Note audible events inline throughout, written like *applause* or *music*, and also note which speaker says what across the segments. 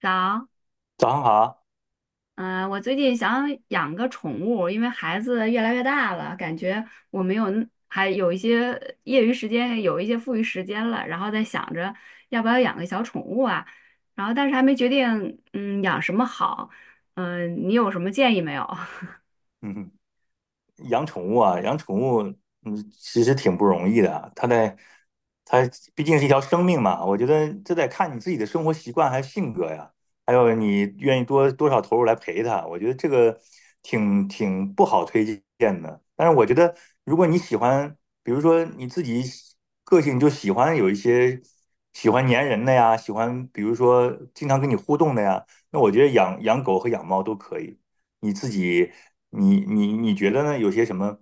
Speaker 1: 早。
Speaker 2: 早上好。
Speaker 1: 嗯、我最近想养个宠物，因为孩子越来越大了，感觉我没有还有一些业余时间，有一些富余时间了，然后在想着要不要养个小宠物啊。但是还没决定，养什么好。你有什么建议没有？*laughs*
Speaker 2: 嗯，养宠物啊，养宠物，其实挺不容易的啊。它毕竟是一条生命嘛，我觉得这得看你自己的生活习惯还有性格呀，还有你愿意多多少投入来陪它。我觉得这个挺不好推荐的。但是我觉得，如果你喜欢，比如说你自己喜个性就喜欢有一些喜欢粘人的呀，喜欢比如说经常跟你互动的呀，那我觉得养养狗和养猫都可以。你自己你觉得呢？有些什么？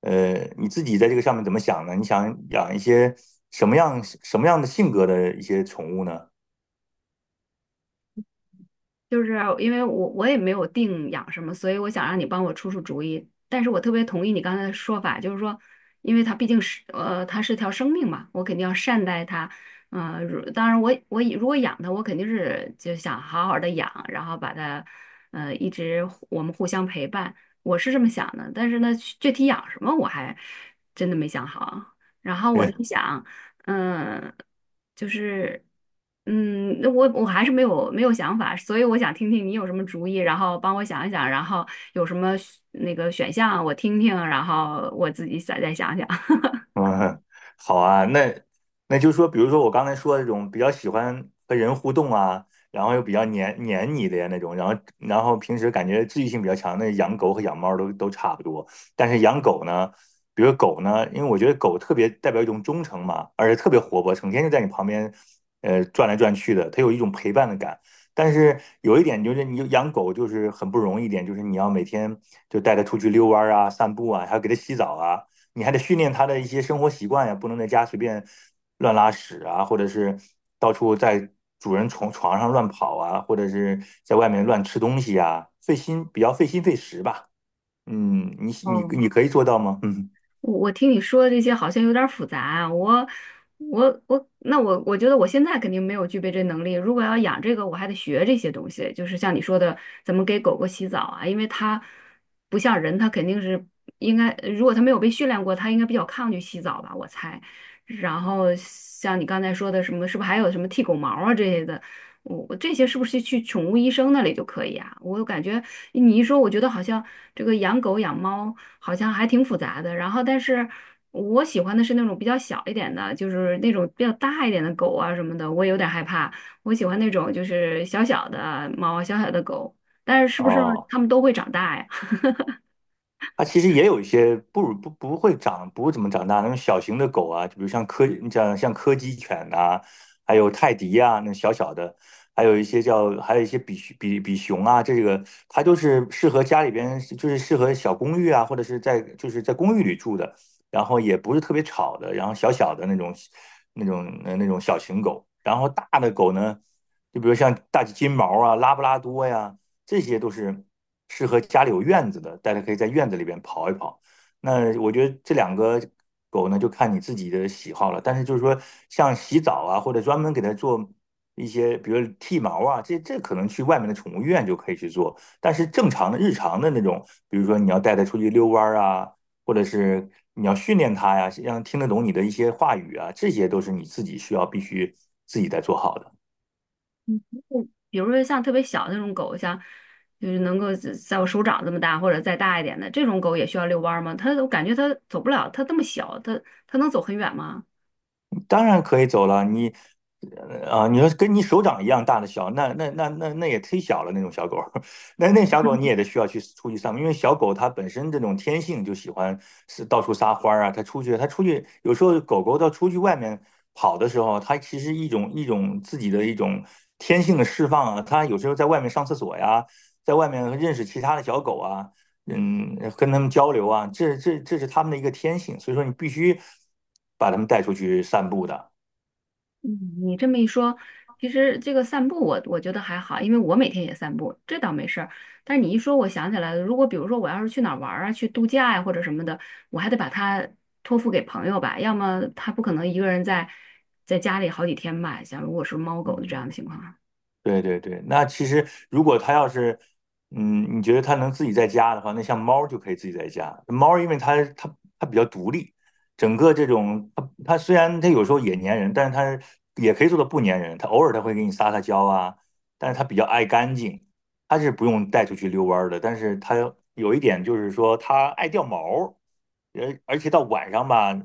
Speaker 2: 你自己在这个上面怎么想呢？你想养一些什么样的性格的一些宠物呢？
Speaker 1: 就是因为我也没有定养什么，所以我想让你帮我出出主意。但是我特别同意你刚才的说法，就是说，因为它毕竟是它是条生命嘛，我肯定要善待它。嗯、呃如当然我如果养它，我肯定是就想好好的养，然后把它呃一直互我们互相陪伴，我是这么想的。但是呢，具体养什么我还真的没想好啊，然后我在
Speaker 2: *laughs*
Speaker 1: 想。嗯，就是，那我还是没有想法，所以我想听听你有什么主意，然后帮我想一想，然后有什么选那个选项我听听，然后我自己再想想。*laughs*
Speaker 2: *laughs* 嗯，好啊，那就说，比如说我刚才说的这种比较喜欢和人互动啊，然后又比较黏你的呀那种，然后平时感觉治愈性比较强那养狗和养猫都差不多，但是养狗呢，比如狗呢，因为我觉得狗特别代表一种忠诚嘛，而且特别活泼，成天就在你旁边，转来转去的，它有一种陪伴的感。但是有一点就是，你养狗就是很不容易一点，就是你要每天就带它出去遛弯儿啊、散步啊，还要给它洗澡啊。你还得训练它的一些生活习惯呀，不能在家随便乱拉屎啊，或者是到处在主人床上乱跑啊，或者是在外面乱吃东西呀，费心，比较费心费时吧。你你
Speaker 1: 哦，
Speaker 2: 你可以做到吗？嗯，
Speaker 1: 我听你说的这些好像有点儿复杂啊，我觉得我现在肯定没有具备这能力。如果要养这个，我还得学这些东西，就是像你说的，怎么给狗狗洗澡啊，因为它不像人，它肯定是应该，如果它没有被训练过，它应该比较抗拒洗澡吧，我猜。然后像你刚才说的什么，是不是还有什么剃狗毛啊这些的？我这些是不是去宠物医生那里就可以啊？我感觉你一说，我觉得好像这个养狗养猫好像还挺复杂的。然后，但是我喜欢的是那种比较小一点的，就是那种比较大一点的狗啊什么的，我有点害怕。我喜欢那种就是小小的猫、小小的狗，但是是不是
Speaker 2: 哦。
Speaker 1: 它们都会长大呀？*laughs*
Speaker 2: 它其实也有一些不如不不会长不怎么长大那种小型的狗啊，就比如像柯基犬呐、还有泰迪啊，那小小的，还有一些比熊啊，这个它就是适合家里边就是适合小公寓啊，或者是在就是在公寓里住的，然后也不是特别吵的，然后小小的那种小型狗，然后大的狗呢，就比如像大金毛啊、拉布拉多呀。这些都是适合家里有院子的，大家可以在院子里边跑一跑。那我觉得这两个狗呢，就看你自己的喜好了。但是就是说，像洗澡啊，或者专门给它做一些，比如剃毛啊，这可能去外面的宠物医院就可以去做。但是正常的日常的那种，比如说你要带它出去遛弯啊，或者是你要训练它呀，让它听得懂你的一些话语啊，这些都是你自己需要必须自己在做好的。
Speaker 1: 比如说像特别小的那种狗，像就是能够在我手掌这么大或者再大一点的这种狗，也需要遛弯儿吗？它我感觉它走不了，它这么小，它能走很远吗？
Speaker 2: 当然可以走了。你你说跟你手掌一样大的小，那也忒小了那种小狗，*laughs* 那小狗你也得需要去出去散步，因为小狗它本身这种天性就喜欢是到处撒欢儿啊，它出去有时候狗狗到出去外面跑的时候，它其实一种一种自己的一种天性的释放啊，它有时候在外面上厕所呀，在外面认识其他的小狗啊，跟他们交流啊，这是他们的一个天性，所以说你必须把他们带出去散步的。
Speaker 1: 嗯，你这么一说，其实这个散步我觉得还好，因为我每天也散步，这倒没事儿。但是你一说，我想起来了，如果比如说我要是去哪儿玩儿啊，去度假呀、或者什么的，我还得把它托付给朋友吧，要么他不可能一个人在家里好几天吧，像如果是猫狗的
Speaker 2: 嗯，
Speaker 1: 这样的情况。
Speaker 2: 对对对，那其实如果它要是，嗯，你觉得它能自己在家的话，那像猫就可以自己在家。猫因为它比较独立，整个这种它虽然它有时候也粘人，但是它也可以做到不粘人。它偶尔它会给你撒撒娇啊，但是它比较爱干净，它是不用带出去遛弯儿的。但是它有一点就是说它爱掉毛儿，而且到晚上吧。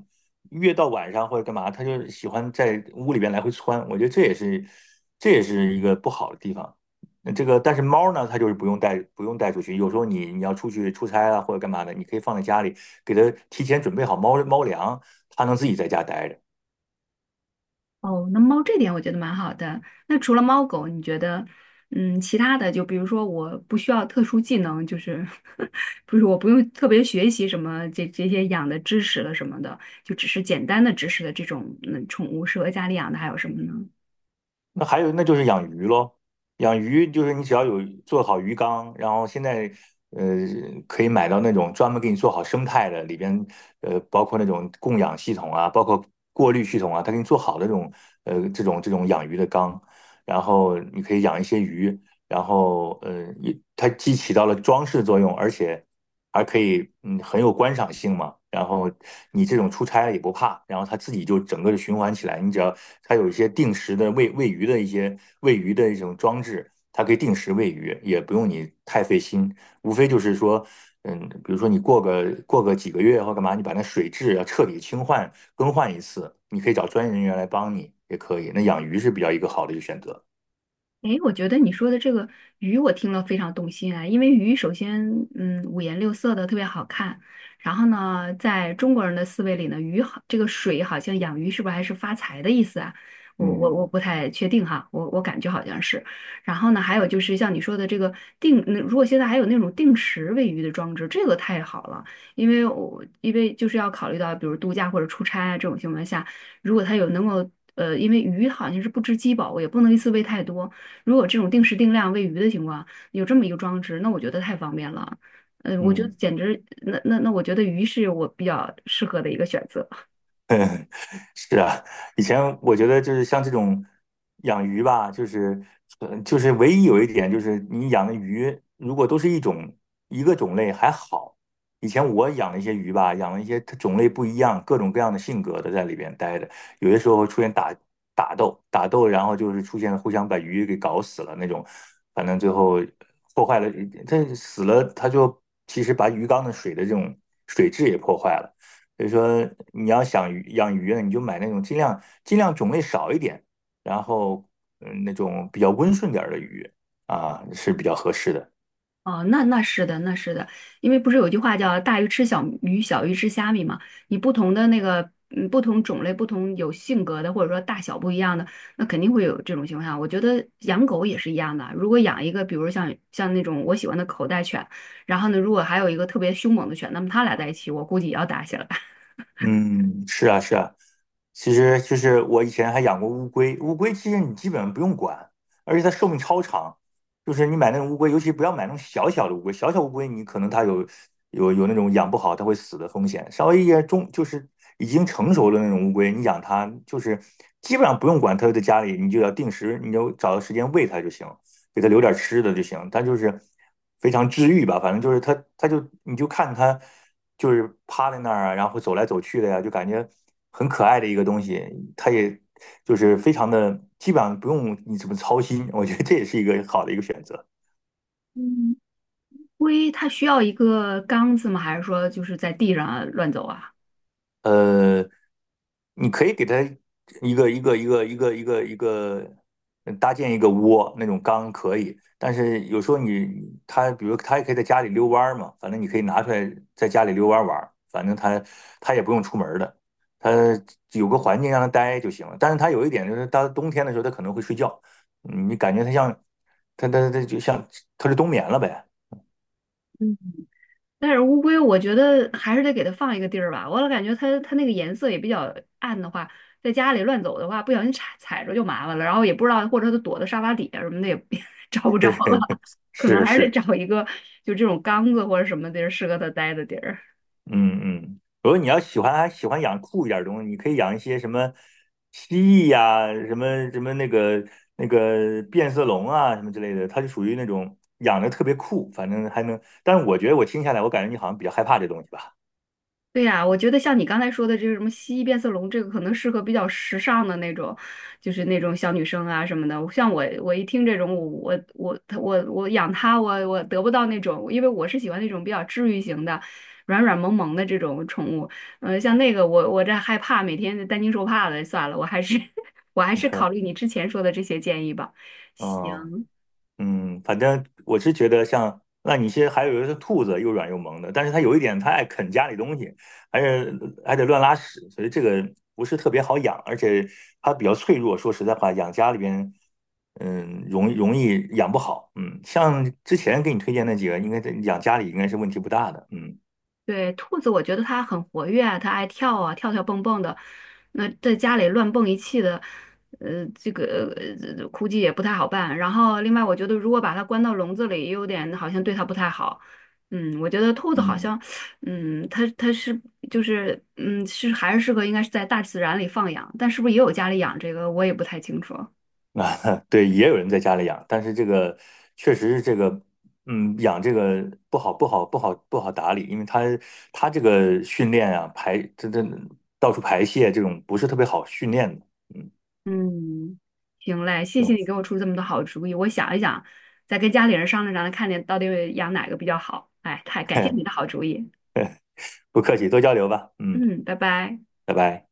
Speaker 2: 越到晚上或者干嘛，它就喜欢在屋里边来回窜。我觉得这也是一个不好的地方。那这个但是猫呢，它就是不用带出去。有时候你要出去出差啊或者干嘛的，你可以放在家里，给它提前准备好猫猫粮，它能自己在家待着。
Speaker 1: 哦，那猫这点我觉得蛮好的。那除了猫狗，你觉得，嗯，其他的就比如说我不需要特殊技能，就是 *laughs* 不是我不用特别学习什么这些养的知识了什么的，就只是简单的知识的这种，嗯，宠物适合家里养的还有什么呢？
Speaker 2: 那还有，那就是养鱼喽。养鱼就是你只要有做好鱼缸，然后现在呃可以买到那种专门给你做好生态的，里边包括那种供氧系统啊，包括过滤系统啊，它给你做好的这种养鱼的缸，然后你可以养一些鱼，然后也它既起到了装饰作用，而且还可以，嗯，很有观赏性嘛。然后你这种出差了也不怕，然后它自己就整个的循环起来。你只要它有一些定时的喂鱼的一种装置，它可以定时喂鱼，也不用你太费心。无非就是说，比如说你过个几个月或干嘛，你把那水质要彻底清换更换一次，你可以找专业人员来帮你也可以。那养鱼是比较一个好的一个选择。
Speaker 1: 诶，我觉得你说的这个鱼，我听了非常动心啊。因为鱼首先，嗯，五颜六色的，特别好看。然后呢，在中国人的思维里呢，鱼好，这个水好像养鱼是不是还是发财的意思啊？我
Speaker 2: 嗯
Speaker 1: 不太确定哈，我感觉好像是。然后呢，还有就是像你说的这个嗯，如果现在还有那种定时喂鱼的装置，这个太好了，因为就是要考虑到，比如度假或者出差啊这种情况下，如果它有能够。呃，因为鱼好像是不知饥饱，我也不能一次喂太多，如果这种定时定量喂鱼的情况，有这么一个装置，那我觉得太方便了。呃，我觉得
Speaker 2: 嗯。
Speaker 1: 简直，那那那，我觉得鱼是我比较适合的一个选择。
Speaker 2: 嗯。 *laughs* 是啊，以前我觉得就是像这种养鱼吧，就是唯一有一点就是你养的鱼如果都是一个种类还好。以前我养了一些鱼吧，养了一些它种类不一样、各种各样的性格的在里边待着，有些时候出现打打斗，然后就是出现了互相把鱼给搞死了那种，反正最后破坏了，它死了，它就其实把鱼缸的这种水质也破坏了。所以说你要想养鱼呢，你就买那种尽量种类少一点，然后嗯那种比较温顺点儿的鱼啊是比较合适的。
Speaker 1: 哦，那是的。因为不是有句话叫“大鱼吃小鱼，小鱼吃虾米”嘛？你不同的那个，嗯，不同种类、不同有性格的，或者说大小不一样的，那肯定会有这种情况下。我觉得养狗也是一样的，如果养一个，比如像那种我喜欢的口袋犬，然后呢，如果还有一个特别凶猛的犬，那么它俩在一起，我估计也要打起来。
Speaker 2: 嗯，是啊，是啊，其实就是我以前还养过乌龟，乌龟其实你基本上不用管，而且它寿命超长。就是你买那种乌龟，尤其不要买那种小小的乌龟，小小乌龟你可能它有那种养不好它会死的风险。稍微一些中就是已经成熟的那种乌龟，你养它就是基本上不用管它，就在家里你就要定时，你就找个时间喂它就行。给他留点吃的就行。他就是非常治愈吧，反正就是他就你就看他就是趴在那儿啊，然后走来走去的呀，就感觉很可爱的一个东西。他也就是非常的，基本上不用你怎么操心，我觉得这也是一个好的一个选择。
Speaker 1: 嗯，龟它需要一个缸子吗？还是说就是在地上啊乱走啊？
Speaker 2: 呃，你可以给它一个搭建一个窝，那种缸可以。但是有时候你它，比如它也可以在家里遛弯儿嘛，反正你可以拿出来在家里遛弯儿玩儿，反正它它也不用出门儿的，它有个环境让它待就行了。但是它有一点就是，它冬天的时候它可能会睡觉，嗯你感觉它像它它它就像它是冬眠了呗。
Speaker 1: 但是乌龟，我觉得还是得给它放一个地儿吧。我老感觉它那个颜色也比较暗的话，在家里乱走的话，不小心踩着就麻烦了。然后也不知道，或者它躲在沙发底下什么的也 *laughs* 找不着了，
Speaker 2: *laughs*
Speaker 1: 可能
Speaker 2: 是
Speaker 1: 还是得
Speaker 2: 是，
Speaker 1: 找一个就这种缸子或者什么地儿适合它待的地儿。
Speaker 2: 嗯嗯，如果你要喜欢养酷一点儿的东西，你可以养一些什么蜥蜴呀、什么什么那个那个变色龙啊，什么之类的，它就属于那种养的特别酷，反正还能。但是我觉得我听下来，我感觉你好像比较害怕这东西吧？
Speaker 1: 对呀，我觉得像你刚才说的这个什么蜥蜴变色龙，这个可能适合比较时尚的那种，就是那种小女生啊什么的。像我，我一听这种，我养它，我得不到那种，因为我是喜欢那种比较治愈型的、软软萌萌的这种宠物。嗯，像那个我这害怕，每天担惊受怕的，算了，我还是 *laughs* 我
Speaker 2: *laughs*
Speaker 1: 还
Speaker 2: 你
Speaker 1: 是考
Speaker 2: 说，
Speaker 1: 虑你之前说的这些建议吧。
Speaker 2: 嗯
Speaker 1: 行。
Speaker 2: 嗯，反正我是觉得像那你些还有一个兔子，又软又萌的，但是它有一点，它爱啃家里东西，还是还得乱拉屎，所以这个不是特别好养，而且它比较脆弱。说实在话，养家里边，容易养不好。嗯，像之前给你推荐那几个，应该在养家里应该是问题不大的。嗯。
Speaker 1: 对，兔子，我觉得它很活跃啊，它爱跳啊，跳跳蹦蹦的。那在家里乱蹦一气的，呃，这个估计也不太好办。然后，另外，我觉得如果把它关到笼子里，也有点好像对它不太好。嗯，我觉得兔子好
Speaker 2: 嗯。
Speaker 1: 像，它是就是是还是适合应该是在大自然里放养，但是不是也有家里养这个，我也不太清楚。
Speaker 2: 啊，*laughs* 对，也有人在家里养，但是这个确实是这个，养这个不好，不好，不好，不好打理，因为它它这个训练啊，排这这到处排泄这种不是特别好训练的，嗯，
Speaker 1: 嗯，行嘞，谢谢你给我出这么多好主意，我想一想，再跟家里人商量商量，看见到底养哪个比较好。哎，太感谢
Speaker 2: 嗯
Speaker 1: 你的好主意。
Speaker 2: *laughs* 不客气，多交流吧，嗯，
Speaker 1: 嗯，拜拜。
Speaker 2: 拜拜。